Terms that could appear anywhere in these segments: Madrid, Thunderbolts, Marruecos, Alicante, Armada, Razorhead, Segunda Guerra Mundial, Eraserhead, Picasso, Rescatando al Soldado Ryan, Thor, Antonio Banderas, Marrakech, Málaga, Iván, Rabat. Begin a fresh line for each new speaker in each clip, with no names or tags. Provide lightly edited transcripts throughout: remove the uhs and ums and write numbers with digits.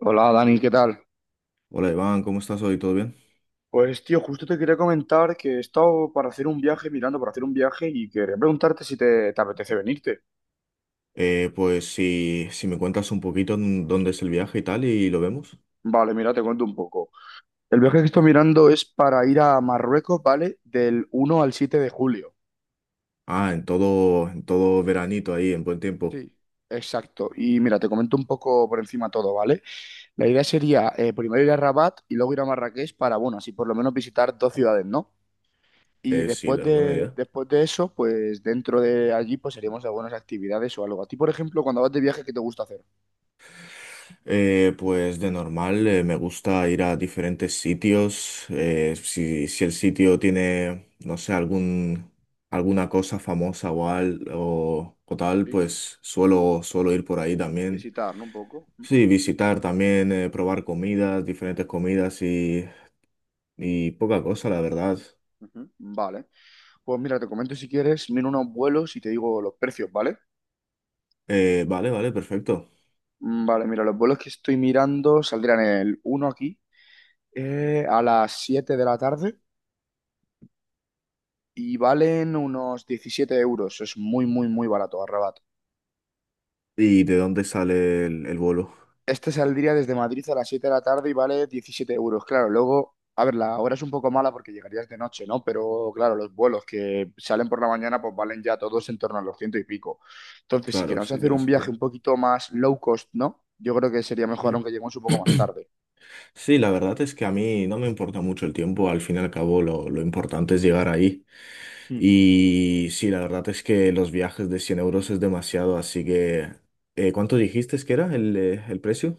Hola Dani, ¿qué tal?
Hola Iván, ¿cómo estás hoy? ¿Todo bien?
Pues tío, justo te quería comentar que he estado para hacer un viaje, mirando para hacer un viaje y quería preguntarte si te apetece venirte.
Pues si me cuentas un poquito en dónde es el viaje y tal y lo vemos.
Vale, mira, te cuento un poco. El viaje que estoy mirando es para ir a Marruecos, ¿vale? Del 1 al 7 de julio.
Ah, en todo veranito ahí, en buen tiempo.
Sí. Exacto. Y mira, te comento un poco por encima todo, ¿vale? La idea sería primero ir a Rabat y luego ir a Marrakech para, bueno, así por lo menos visitar dos ciudades, ¿no? Y
Sí,
después
la buena
de,
idea.
después de eso, pues dentro de allí, pues haríamos algunas actividades o algo. A ti, por ejemplo, cuando vas de viaje, ¿qué te gusta hacer?
Pues de normal me gusta ir a diferentes sitios. Si el sitio tiene, no sé, alguna cosa famosa o tal,
Sí,
pues suelo ir por ahí también.
visitar, ¿no? Un poco.
Sí, visitar también, probar comidas, diferentes comidas y poca cosa, la verdad.
Ujú. Vale. Pues mira, te comento si quieres, miro unos vuelos y te digo los precios, ¿vale?
Vale, vale, perfecto.
Vale, mira, los vuelos que estoy mirando saldrán el 1 aquí a las 7 de la tarde y valen unos 17 euros. Es muy, muy, muy barato, arrebat.
¿Y de dónde sale el vuelo?
Este saldría desde Madrid a las 7 de la tarde y vale 17 euros. Claro, luego, a ver, la hora es un poco mala porque llegarías de noche, ¿no? Pero claro, los vuelos que salen por la mañana pues valen ya todos en torno a los ciento y pico. Entonces, si
Claro,
queremos
sí,
hacer
tiene
un viaje
sentido.
un poquito más low cost, ¿no? Yo creo que sería mejor
Ujú.
aunque lleguemos un poco más tarde.
Sí, la verdad es que a mí no me importa mucho el tiempo, al fin y al cabo lo importante es llegar ahí.
Hmm.
Y sí, la verdad es que los viajes de 100 € es demasiado, así que... ¿Cuánto dijiste que era el precio?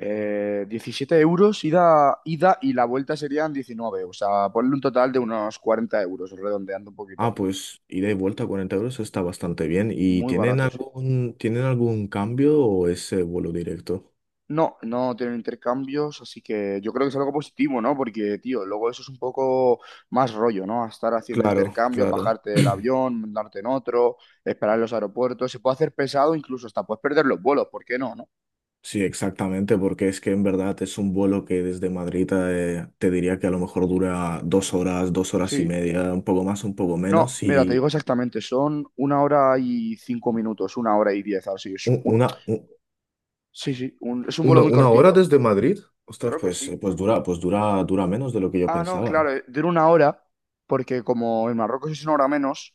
17 euros ida, ida y la vuelta serían 19. O sea, ponle un total de unos 40 euros, redondeando un
Ah,
poquito.
pues ida y vuelta a 40 € está bastante bien. ¿Y
Muy
tienen
barato, sí.
algún, tienen algún cambio o es vuelo directo?
No, no tienen intercambios, así que yo creo que es algo positivo, ¿no? Porque, tío, luego eso es un poco más rollo, ¿no? Estar haciendo
Claro,
intercambios,
claro.
bajarte del avión, darte en otro, esperar en los aeropuertos, se puede hacer pesado, incluso hasta puedes perder los vuelos, ¿por qué no, no?
Sí, exactamente, porque es que en verdad es un vuelo que desde Madrid diría que a lo mejor dura 2 horas, dos horas y
Sí.
media, un poco más, un poco
No,
menos,
mira, te digo
y
exactamente, son una hora y 5 minutos, una hora y 10,
u- una, u-
sí, sí, es un vuelo muy
una hora
cortito.
desde Madrid. Ostras,
Creo que sí.
dura menos de lo que yo
Ah, no,
pensaba.
claro, dura una hora, porque como en Marruecos es una hora menos,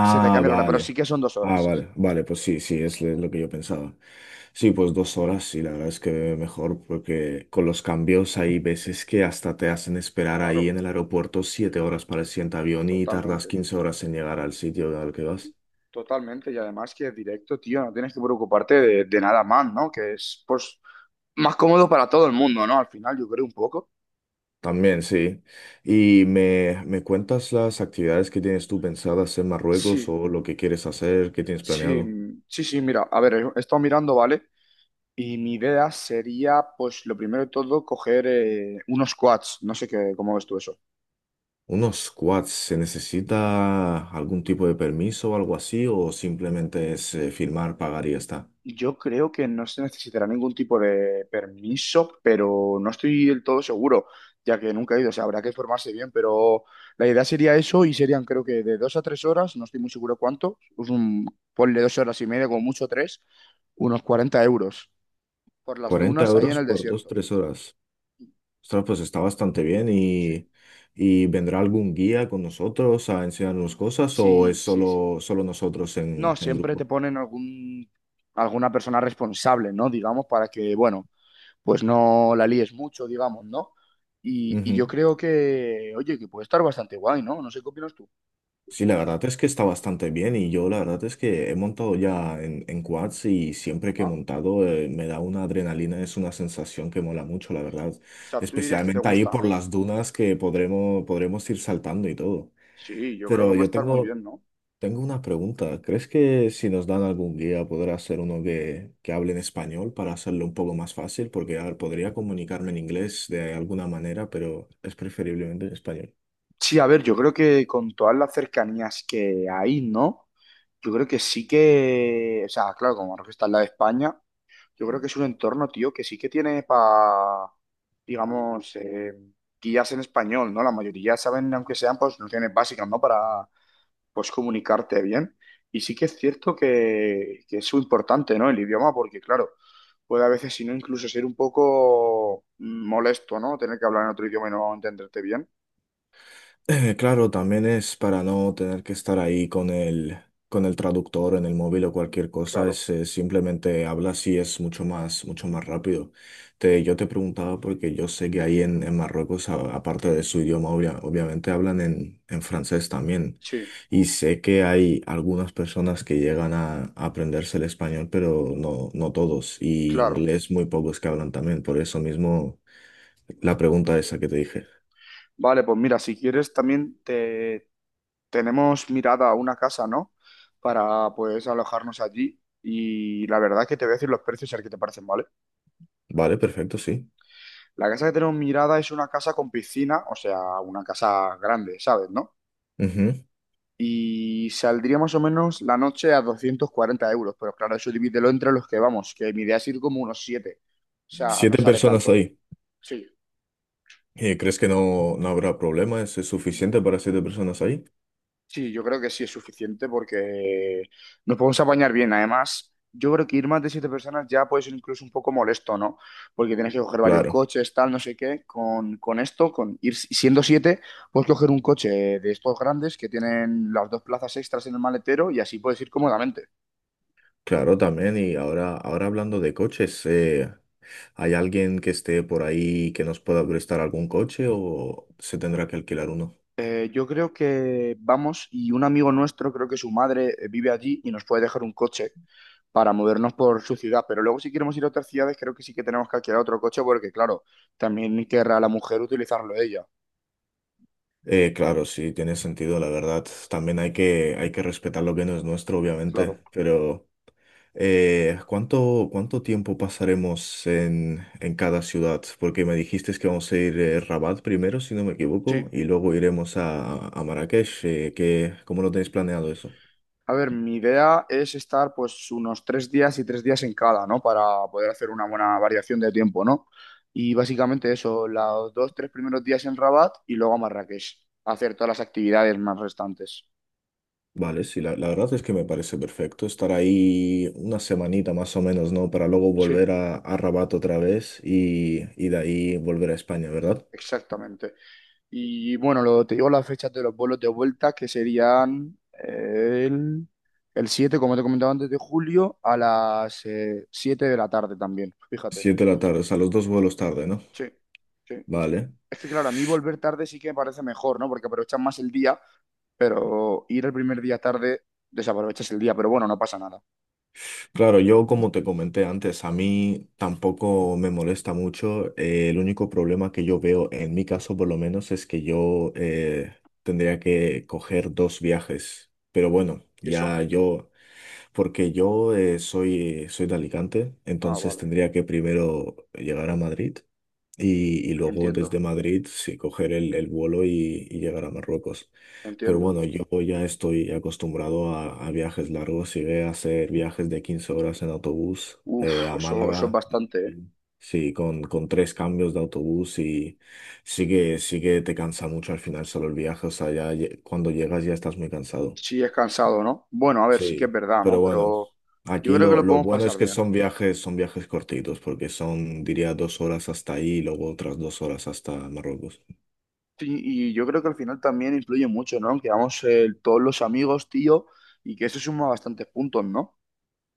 se te cambia la hora, pero sí
vale.
que son dos
Ah,
horas, sí,
vale,
sí.
vale, pues sí, sí, es lo que yo pensaba. Sí, pues dos horas, sí, la verdad es que mejor, porque con los cambios hay veces que hasta te hacen esperar ahí
Claro,
en el aeropuerto 7 horas para el siguiente avión y tardas
totalmente,
15 horas en llegar al sitio al que vas.
totalmente. Y además que es directo, tío, no tienes que preocuparte de nada más, ¿no? Que es, pues, más cómodo para todo el mundo, ¿no? Al final, yo creo un poco.
También, sí. ¿Y me cuentas las actividades que tienes tú pensadas en Marruecos
Sí,
o lo que quieres hacer, qué tienes
sí,
planeado?
sí, sí, mira, a ver, he estado mirando, ¿vale? Y mi idea sería, pues, lo primero de todo, coger unos quads. No sé qué, cómo ves tú eso.
Unos squats, ¿se necesita algún tipo de permiso o algo así? ¿O simplemente es firmar, pagar y ya está?
Yo creo que no se necesitará ningún tipo de permiso, pero no estoy del todo seguro, ya que nunca he ido, o sea, habrá que formarse bien, pero la idea sería eso y serían creo que de 2 a 3 horas, no estoy muy seguro cuánto, pues un, ponle 2 horas y media, como mucho tres, unos 40 euros por las
cuarenta
dunas ahí en
euros
el
por dos
desierto.
tres horas. Ostras, pues está bastante bien.
Sí,
¿Vendrá algún guía con nosotros a enseñarnos cosas o es
sí, sí, sí.
solo nosotros
No,
en
siempre te
grupo?
ponen alguna persona responsable, ¿no? Digamos, para que, bueno, pues no la líes mucho, digamos, ¿no? Y yo
Ujú.
creo que, oye, que puede estar bastante guay, ¿no? No sé qué opinas tú.
Sí, la verdad es que está bastante bien y yo la verdad es que he montado ya en quads y siempre que he
Ajá. O
montado me da una adrenalina, es una sensación que mola mucho, la verdad,
sea, tú dirías que te
especialmente ahí
gusta,
por
¿no?
las dunas que podremos ir saltando y todo.
Sí, yo creo que
Pero
puede
yo
estar muy bien, ¿no?
tengo una pregunta. ¿Crees que si nos dan algún guía podrá ser uno que hable en español para hacerlo un poco más fácil? Porque, a ver, podría comunicarme en inglés de alguna manera, pero es preferiblemente en español.
Sí, a ver, yo creo que con todas las cercanías que hay, ¿no? Yo creo que sí que, o sea, claro, como Marruecos está en la de España, yo creo que es un entorno, tío, que sí que tiene para, digamos, guías en español, ¿no? La mayoría saben, aunque sean, pues, nociones básicas, ¿no? Para, pues comunicarte bien. Y sí que es cierto que es muy importante, ¿no? El idioma, porque claro, puede a veces, si no, incluso ser un poco molesto, ¿no? Tener que hablar en otro idioma y no entenderte bien.
Claro, también es para no tener que estar ahí con el traductor en el móvil o cualquier cosa,
Claro,
simplemente hablas y es mucho más rápido. Yo te preguntaba porque yo sé que ahí en Marruecos, aparte de su idioma, obviamente hablan en francés también.
sí,
Y sé que hay algunas personas que llegan a aprenderse el español, pero no, no todos. Y
claro.
inglés muy pocos que hablan también. Por eso mismo la pregunta esa que te dije.
Vale, pues mira, si quieres también te tenemos mirada a una casa, ¿no? Para pues alojarnos allí. Y la verdad que te voy a decir los precios, a ver qué te parecen, ¿vale?
Vale, perfecto, sí.
La casa que tenemos mirada es una casa con piscina, o sea, una casa grande, ¿sabes, no?
Ujú.
Y saldría más o menos la noche a 240 euros, pero claro, eso divídelo entre los que vamos, que mi idea es ir como unos 7, o sea, no
Siete
sale
personas
tanto.
ahí.
Sí,
¿Y crees que no, no habrá problemas? ¿Es suficiente para siete personas ahí?
sí, yo creo que sí es suficiente porque nos podemos apañar bien, además, yo creo que ir más de 7 personas ya puede ser incluso un poco molesto, ¿no? Porque tienes que coger varios
Claro,
coches, tal, no sé qué, con esto, con ir si, siendo 7, puedes coger un coche de estos grandes que tienen las dos plazas extras en el maletero y así puedes ir cómodamente.
claro también. Y ahora hablando de coches, ¿hay alguien que esté por ahí que nos pueda prestar algún coche o se tendrá que alquilar uno?
Yo creo que vamos y un amigo nuestro, creo que su madre vive allí y nos puede dejar un coche para movernos por su ciudad, pero luego si queremos ir a otras ciudades creo que sí que tenemos que alquilar otro coche porque claro, también querrá la mujer utilizarlo ella,
Claro, sí, tiene sentido, la verdad. También hay que respetar lo que no es nuestro, obviamente,
claro.
pero... ¿Cuánto cuánto tiempo pasaremos en cada ciudad? Porque me dijiste que vamos a ir a Rabat primero, si no me equivoco,
Sí,
y luego iremos a Marrakech. ¿Cómo lo tenéis planeado eso?
a ver, mi idea es estar pues unos 3 días y 3 días en cada, ¿no? Para poder hacer una buena variación de tiempo, ¿no? Y básicamente eso, los dos, tres primeros días en Rabat y luego a Marrakech, a hacer todas las actividades más restantes.
Vale, sí, la verdad es que me parece perfecto estar ahí una semanita más o menos, ¿no? Para luego
Sí,
volver a Rabat otra vez y de ahí volver a España, ¿verdad?
exactamente. Y bueno, lo, te digo las fechas de los vuelos de vuelta, que serían el 7 como te comentaba antes, de julio, a las 7 de la tarde también, fíjate.
7 de la tarde, o sea, los dos vuelos tarde, ¿no?
Sí, sí.
Vale.
Es que claro, a mí volver tarde sí que me parece mejor, ¿no? Porque aprovechas más el día, pero ir el primer día tarde, desaprovechas el día, pero bueno, no pasa nada.
Claro, yo como te comenté antes, a mí tampoco me molesta mucho. El único problema que yo veo, en mi caso por lo menos, es que yo tendría que coger dos viajes. Pero bueno,
¿Y eso?
porque yo soy de Alicante,
Ah,
entonces
vale,
tendría que primero llegar a Madrid y luego
entiendo,
desde Madrid sí coger el vuelo y llegar a Marruecos. Pero
entiendo.
bueno, yo ya estoy acostumbrado a viajes largos. Llegué a hacer viajes de 15 horas en autobús
Uf,
a
eso es
Málaga.
bastante, ¿eh?
Sí, con tres cambios de autobús y sí que te cansa mucho al final solo el viaje. O sea, cuando llegas ya estás muy cansado.
Sí, es cansado, ¿no? Bueno, a ver, sí que es
Sí,
verdad, ¿no?
pero bueno,
Pero yo
aquí
creo que lo
lo
podemos
bueno
pasar
es que
bien.
son viajes cortitos, porque son, diría, 2 horas hasta ahí y luego otras 2 horas hasta Marruecos.
Sí, y yo creo que al final también influye mucho, ¿no? Que vamos todos los amigos, tío, y que eso suma bastantes puntos, ¿no?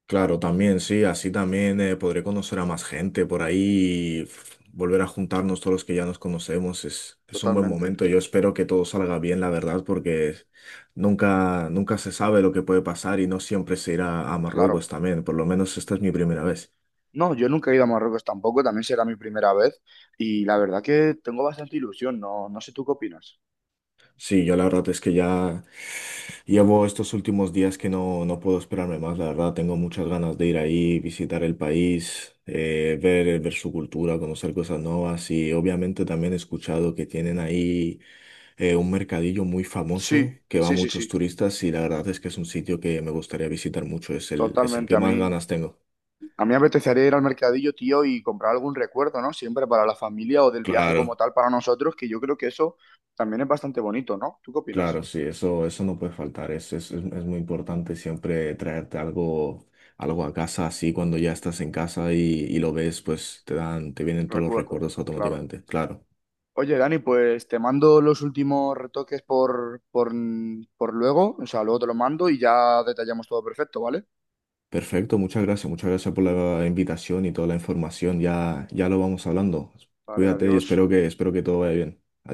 Claro, también, sí, así también podré conocer a más gente por ahí y volver a juntarnos todos los que ya nos conocemos. Es un buen
Totalmente,
momento. Yo espero que todo salga bien, la verdad, porque nunca, nunca se sabe lo que puede pasar y no siempre se irá a Marruecos
claro.
también. Por lo menos esta es mi primera vez.
No, yo nunca he ido a Marruecos tampoco, también será mi primera vez, y la verdad que tengo bastante ilusión, no, no sé tú qué opinas.
Sí, yo la verdad es que ya llevo estos últimos días que no, no puedo esperarme más, la verdad tengo muchas ganas de ir ahí, visitar el país, ver su cultura, conocer cosas nuevas y obviamente también he escuchado que tienen ahí un mercadillo muy
Sí,
famoso que va a
sí, sí, sí,
muchos turistas y la verdad es que es un sitio que me gustaría visitar mucho, es el
totalmente.
que
A
más
mí,
ganas tengo.
a mí me apetecería ir al mercadillo, tío, y comprar algún recuerdo, ¿no? Siempre para la familia o del viaje como
Claro.
tal para nosotros, que yo creo que eso también es bastante bonito, ¿no? ¿Tú qué opinas?
Claro, sí, eso no puede faltar. Es muy importante siempre traerte algo a casa, así cuando ya
Sí,
estás en casa y lo ves, pues te vienen todos los
recuerdos,
recuerdos
claro.
automáticamente. Claro.
Oye, Dani, pues te mando los últimos retoques por luego, o sea, luego te lo mando y ya detallamos todo perfecto, ¿vale?
Perfecto, muchas gracias por la invitación y toda la información. Ya, ya lo vamos hablando.
Vale,
Cuídate y
adiós.
espero que todo vaya bien. Adiós.